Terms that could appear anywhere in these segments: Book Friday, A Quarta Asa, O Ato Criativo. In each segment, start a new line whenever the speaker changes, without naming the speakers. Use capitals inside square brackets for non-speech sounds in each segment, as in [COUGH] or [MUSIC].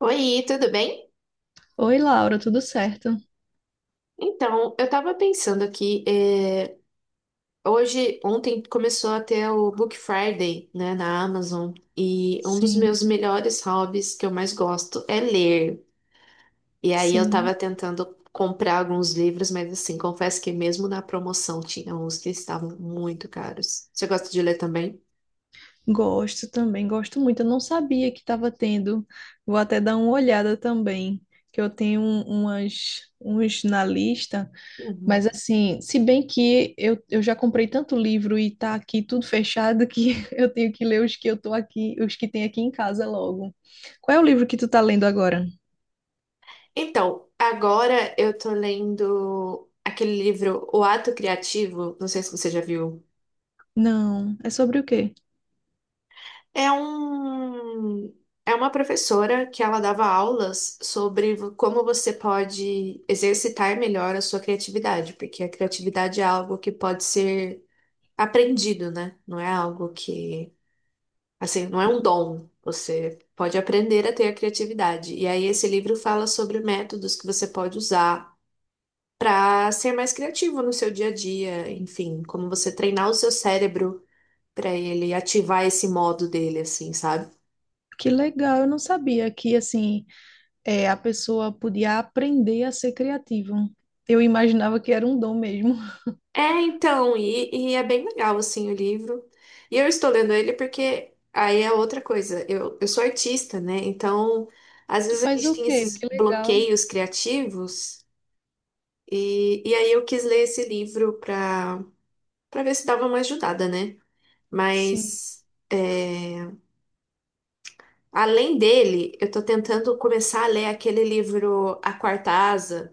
Oi, tudo bem?
Oi, Laura, tudo certo?
Então, eu tava pensando aqui, hoje, ontem começou a ter o Book Friday, né, na Amazon, e um dos
Sim,
meus melhores hobbies que eu mais gosto é ler. E aí eu
sim.
tava tentando comprar alguns livros, mas assim, confesso que mesmo na promoção tinha uns que estavam muito caros. Você gosta de ler também?
Gosto também, gosto muito. Eu não sabia que estava tendo. Vou até dar uma olhada também, que umas, uns na lista. Mas
Uhum.
assim, se bem que eu já comprei tanto livro e tá aqui tudo fechado que [LAUGHS] eu tenho que ler os que eu tô aqui, os que tem aqui em casa logo. Qual é o livro que tu tá lendo agora?
Então, agora eu tô lendo aquele livro O Ato Criativo, não sei se você já viu.
Não, é sobre o quê?
É um, é uma professora que ela dava aulas sobre como você pode exercitar melhor a sua criatividade, porque a criatividade é algo que pode ser aprendido, né? Não é algo que, assim, não é um dom. Você pode aprender a ter a criatividade. E aí esse livro fala sobre métodos que você pode usar para ser mais criativo no seu dia a dia, enfim, como você treinar o seu cérebro para ele ativar esse modo dele, assim, sabe?
Que legal, eu não sabia que assim é, a pessoa podia aprender a ser criativa. Eu imaginava que era um dom mesmo. [LAUGHS]
É, então, e é bem legal, assim, o livro. E eu estou lendo ele porque aí é outra coisa. Eu sou artista, né? Então, às
Tu
vezes a
faz
gente
o
tem
quê?
esses
Que legal.
bloqueios criativos. E aí eu quis ler esse livro para ver se dava uma ajudada, né?
Sim,
Mas, é, além dele, eu tô tentando começar a ler aquele livro A Quarta Asa.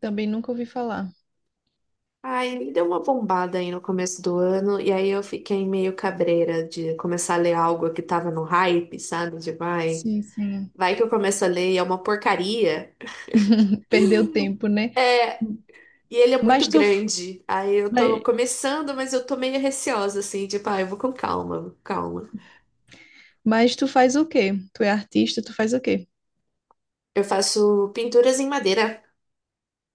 também nunca ouvi falar.
Aí me deu uma bombada aí no começo do ano, e aí eu fiquei meio cabreira de começar a ler algo que tava no hype, sabe? De vai,
Sim, sim.
vai que eu começo a ler e é uma porcaria.
Perdeu tempo, né?
É, e ele é muito
Mas tu,
grande. Aí eu tô
mas,
começando, mas eu tô meio receosa, assim, tipo, ah, eu vou com calma, calma.
mas tu faz o quê? Tu é artista, tu faz o quê?
Eu faço pinturas em madeira.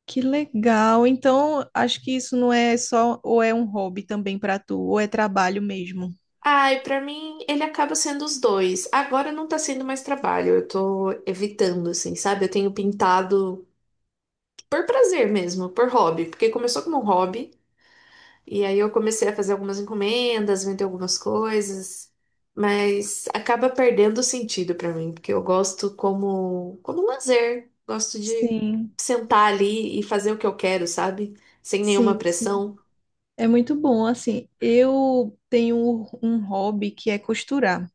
Que legal. Então, acho que isso não é só, ou é um hobby também para tu, ou é trabalho mesmo.
Ai, pra mim ele acaba sendo os dois. Agora não tá sendo mais trabalho, eu tô evitando, assim, sabe? Eu tenho pintado por prazer mesmo, por hobby, porque começou como um hobby. E aí eu comecei a fazer algumas encomendas, vender algumas coisas, mas acaba perdendo o sentido pra mim, porque eu gosto como um lazer, gosto de
Sim,
sentar ali e fazer o que eu quero, sabe? Sem nenhuma
sim, sim.
pressão.
É muito bom, assim. Eu tenho um hobby que é costurar.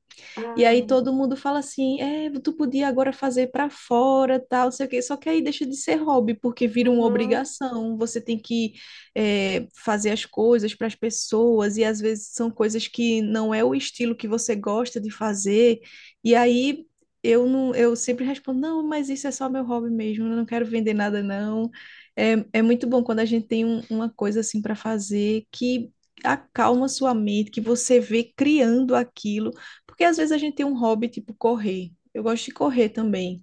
E aí
Ah,
todo mundo fala assim, é, tu podia agora fazer para fora, tal, não sei o quê. Só que aí deixa de ser hobby, porque vira uma
uhum,
obrigação. Você tem que é, fazer as coisas para as pessoas, e às vezes são coisas que não é o estilo que você gosta de fazer. E aí eu não, eu sempre respondo, não, mas isso é só meu hobby mesmo, eu não quero vender nada, não. É, é muito bom quando a gente tem uma coisa assim para fazer que acalma sua mente, que você vê criando aquilo. Porque às vezes a gente tem um hobby tipo correr. Eu gosto de correr também,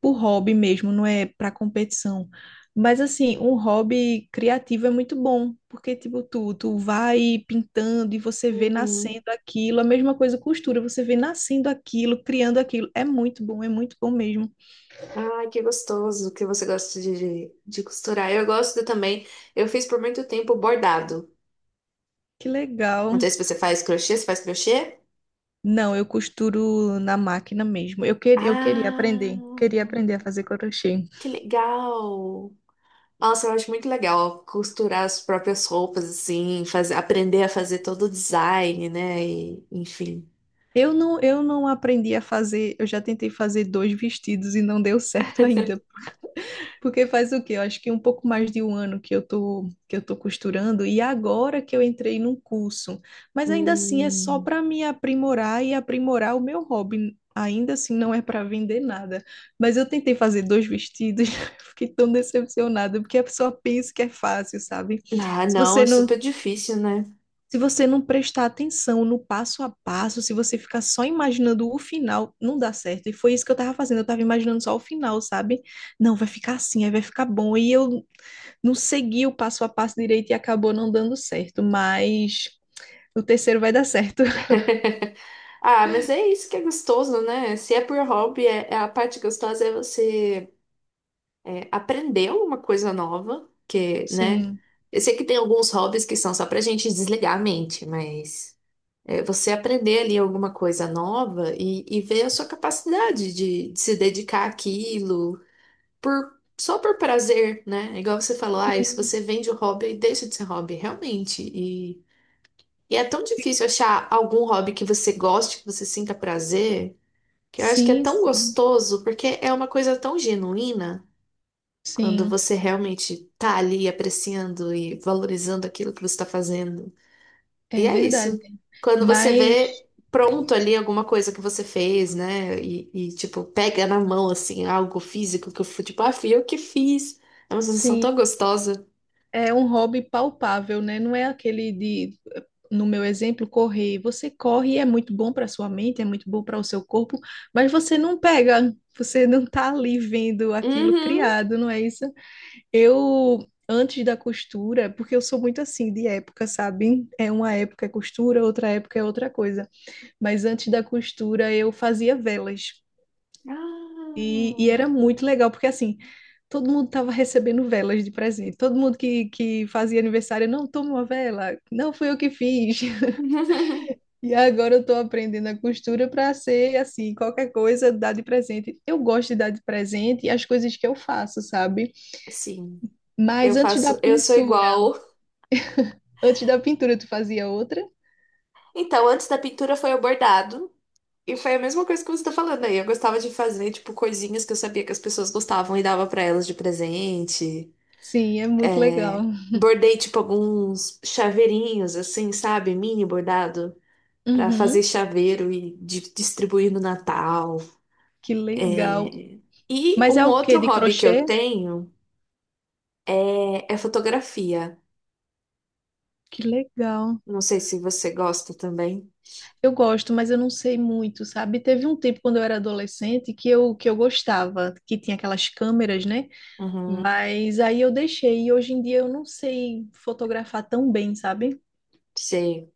por hobby mesmo, não é para competição. Mas assim, um hobby criativo é muito bom, porque tipo tu vai pintando e você vê
uhum.
nascendo aquilo, a mesma coisa costura, você vê nascendo aquilo, criando aquilo. É muito bom mesmo.
Ai, que gostoso que você gosta de costurar. Eu gosto também. Eu fiz por muito tempo bordado.
Que
Não
legal.
sei se você faz crochê, você faz crochê?
Não, eu costuro na máquina mesmo. Eu
Ah,
queria aprender a fazer crochê.
que legal! Nossa, eu acho muito legal costurar as próprias roupas, assim, fazer, aprender a fazer todo o design, né? E, enfim.
Eu não aprendi a fazer, eu já tentei fazer dois vestidos e não deu certo ainda.
[LAUGHS]
Porque faz o quê? Eu acho que um pouco mais de um ano que que eu tô costurando e agora que eu entrei num curso. Mas ainda assim é só
Hum.
para me aprimorar e aprimorar o meu hobby. Ainda assim não é para vender nada. Mas eu tentei fazer dois vestidos, [LAUGHS] fiquei tão decepcionada, porque a pessoa pensa que é fácil, sabe?
Ah,
Se
não,
você
é
não
super difícil, né?
se você não prestar atenção no passo a passo, se você ficar só imaginando o final, não dá certo. E foi isso que eu tava fazendo, eu tava imaginando só o final, sabe? Não, vai ficar assim, aí vai ficar bom. E eu não segui o passo a passo direito e acabou não dando certo, mas o terceiro vai dar certo. [LAUGHS]
[LAUGHS] Ah, mas é isso que é gostoso, né? Se é por hobby, é a parte gostosa é você é, aprender alguma coisa nova, que, né?
Sim,
Eu sei que tem alguns hobbies que são só pra gente desligar a mente, mas. É, você aprender ali alguma coisa nova e ver a sua capacidade de se dedicar àquilo por, só por prazer, né? Igual você falou, ah, se
sim,
você vende o hobby, deixa de ser hobby, realmente. E é tão difícil achar algum hobby que você goste, que você sinta prazer, que eu acho que é
sim,
tão
sim,
gostoso, porque é uma coisa tão genuína quando
sim,
você realmente tá ali apreciando e valorizando aquilo que você está fazendo. E
é
é isso.
verdade.
Quando você
Mas,
vê pronto ali alguma coisa que você fez, né? Tipo, pega na mão, assim, algo físico que eu fui, tipo, ah, fui eu que fiz. É uma sensação
sim.
tão gostosa.
É um hobby palpável, né? Não é aquele de, no meu exemplo, correr. Você corre e é muito bom para sua mente, é muito bom para o seu corpo, mas você não pega, você não tá ali vendo aquilo
Uhum.
criado, não é isso? Eu antes da costura, porque eu sou muito assim de época, sabe? É uma época é costura, outra época é outra coisa. Mas antes da costura eu fazia velas. E era
Ah.
muito legal, porque assim, todo mundo estava recebendo velas de presente. Todo mundo que fazia aniversário, não, toma uma vela, não fui eu que fiz. [LAUGHS]
[LAUGHS]
E agora eu estou aprendendo a costura para ser assim, qualquer coisa dar de presente. Eu gosto de dar de presente e as coisas que eu faço, sabe?
Sim, eu
Mas antes da
faço, eu sou
pintura,
igual.
antes da pintura tu fazia outra?
Então, antes da pintura foi o bordado. E foi a mesma coisa que você tá falando aí. Eu gostava de fazer, tipo, coisinhas que eu sabia que as pessoas gostavam e dava pra elas de presente.
Sim, é muito legal.
É, bordei tipo alguns chaveirinhos, assim, sabe? Mini bordado, pra fazer
Uhum,
chaveiro e distribuir no Natal.
que legal.
E
Mas
um
é o quê?
outro
De
hobby que
crochê?
eu tenho é fotografia.
Que legal.
Não sei se você gosta também.
Eu gosto, mas eu não sei muito, sabe? Teve um tempo quando eu era adolescente que eu gostava, que tinha aquelas câmeras, né?
Uhum,
Mas aí eu deixei e hoje em dia eu não sei fotografar tão bem, sabe?
sei.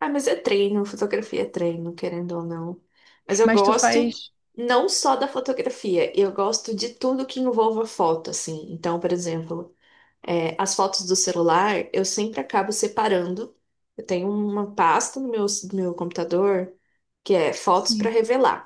Ah, mas é treino, fotografia é treino, querendo ou não. Mas eu
Mas tu
gosto
faz.
não só da fotografia, eu gosto de tudo que envolva foto, assim. Então, por exemplo. É, as fotos do celular eu sempre acabo separando. Eu tenho uma pasta no meu computador que é fotos para
Sim,
revelar.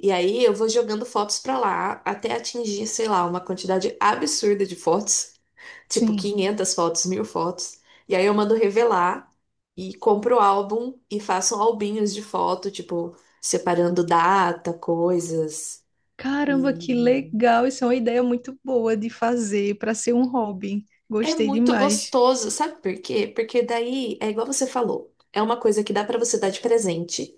E aí eu vou jogando fotos para lá até atingir, sei lá, uma quantidade absurda de fotos, [LAUGHS] tipo
sim.
500 fotos, 1000 fotos. E aí eu mando revelar e compro o álbum e faço albinhos de foto, tipo, separando data, coisas.
Caramba, que
E
legal! Isso é uma ideia muito boa de fazer para ser um hobby.
é
Gostei
muito
demais.
gostoso, sabe por quê? Porque daí é igual você falou, é uma coisa que dá pra você dar de presente.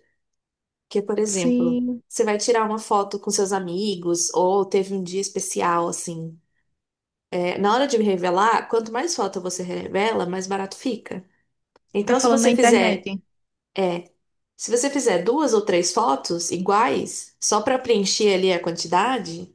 Que, por exemplo,
Sim,
você vai tirar uma foto com seus amigos ou teve um dia especial assim. É, na hora de revelar, quanto mais foto você revela, mais barato fica.
tá
Então,
falando na internet.
se você fizer duas ou três fotos iguais, só pra preencher ali a quantidade,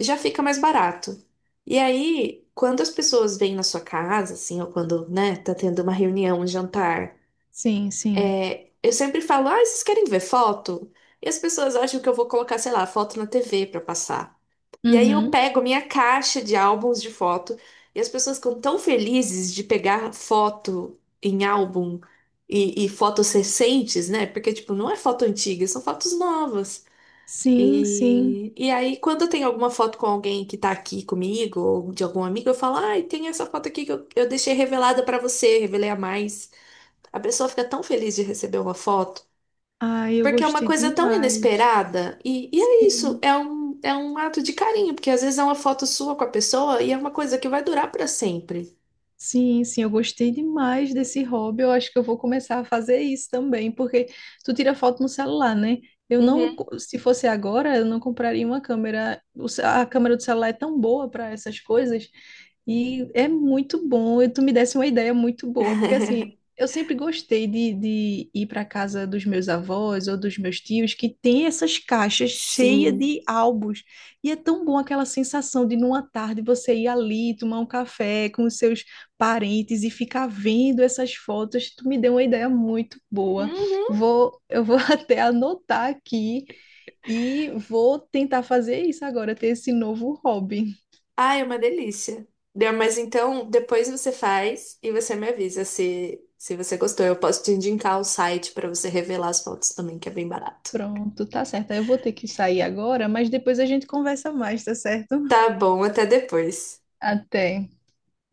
já fica mais barato. E aí, quando as pessoas vêm na sua casa, assim, ou quando, né, tá tendo uma reunião, um jantar.
Sim, sim.
É, eu sempre falo, ah, vocês querem ver foto? E as pessoas acham que eu vou colocar, sei lá, foto na TV pra passar. E aí eu
Uhum.
pego minha caixa de álbuns de foto e as pessoas ficam tão felizes de pegar foto em álbum e fotos recentes, né? Porque, tipo, não é foto antiga, são fotos novas.
Sim, sim.
E aí, quando eu tenho alguma foto com alguém que tá aqui comigo, ou de algum amigo, eu falo, ai, tem essa foto aqui que eu deixei revelada pra você, revelei a mais. A pessoa fica tão feliz de receber uma foto.
Ai, eu
Porque é uma
gostei
coisa tão
demais.
inesperada. É isso,
Sim.
é um ato de carinho, porque às vezes é uma foto sua com a pessoa e é uma coisa que vai durar para sempre.
Sim, sim, eu gostei demais desse hobby. Eu acho que eu vou começar a fazer isso também, porque tu tira foto no celular, né? Eu não,
Uhum.
co- se fosse agora, eu não compraria uma câmera. A câmera do celular é tão boa para essas coisas e é muito bom. E tu me desse uma ideia muito boa, porque assim, eu sempre gostei de ir para casa dos meus avós ou dos meus tios que tem essas caixas cheias
Sim.
de álbuns. E é tão bom aquela sensação de numa tarde você ir ali tomar um café com os seus parentes e ficar vendo essas fotos, tu me deu uma ideia muito boa.
Uhum.
Eu vou [LAUGHS] até anotar aqui e vou tentar fazer isso agora, ter esse novo hobby.
Ai, é uma delícia. Deu, mas então, depois você faz e você me avisa se você gostou. Eu posso te indicar o site para você revelar as fotos também, que é bem barato.
Pronto, tá certo. Eu vou ter que sair agora, mas depois a gente conversa mais, tá certo?
Tá bom, até depois.
Até.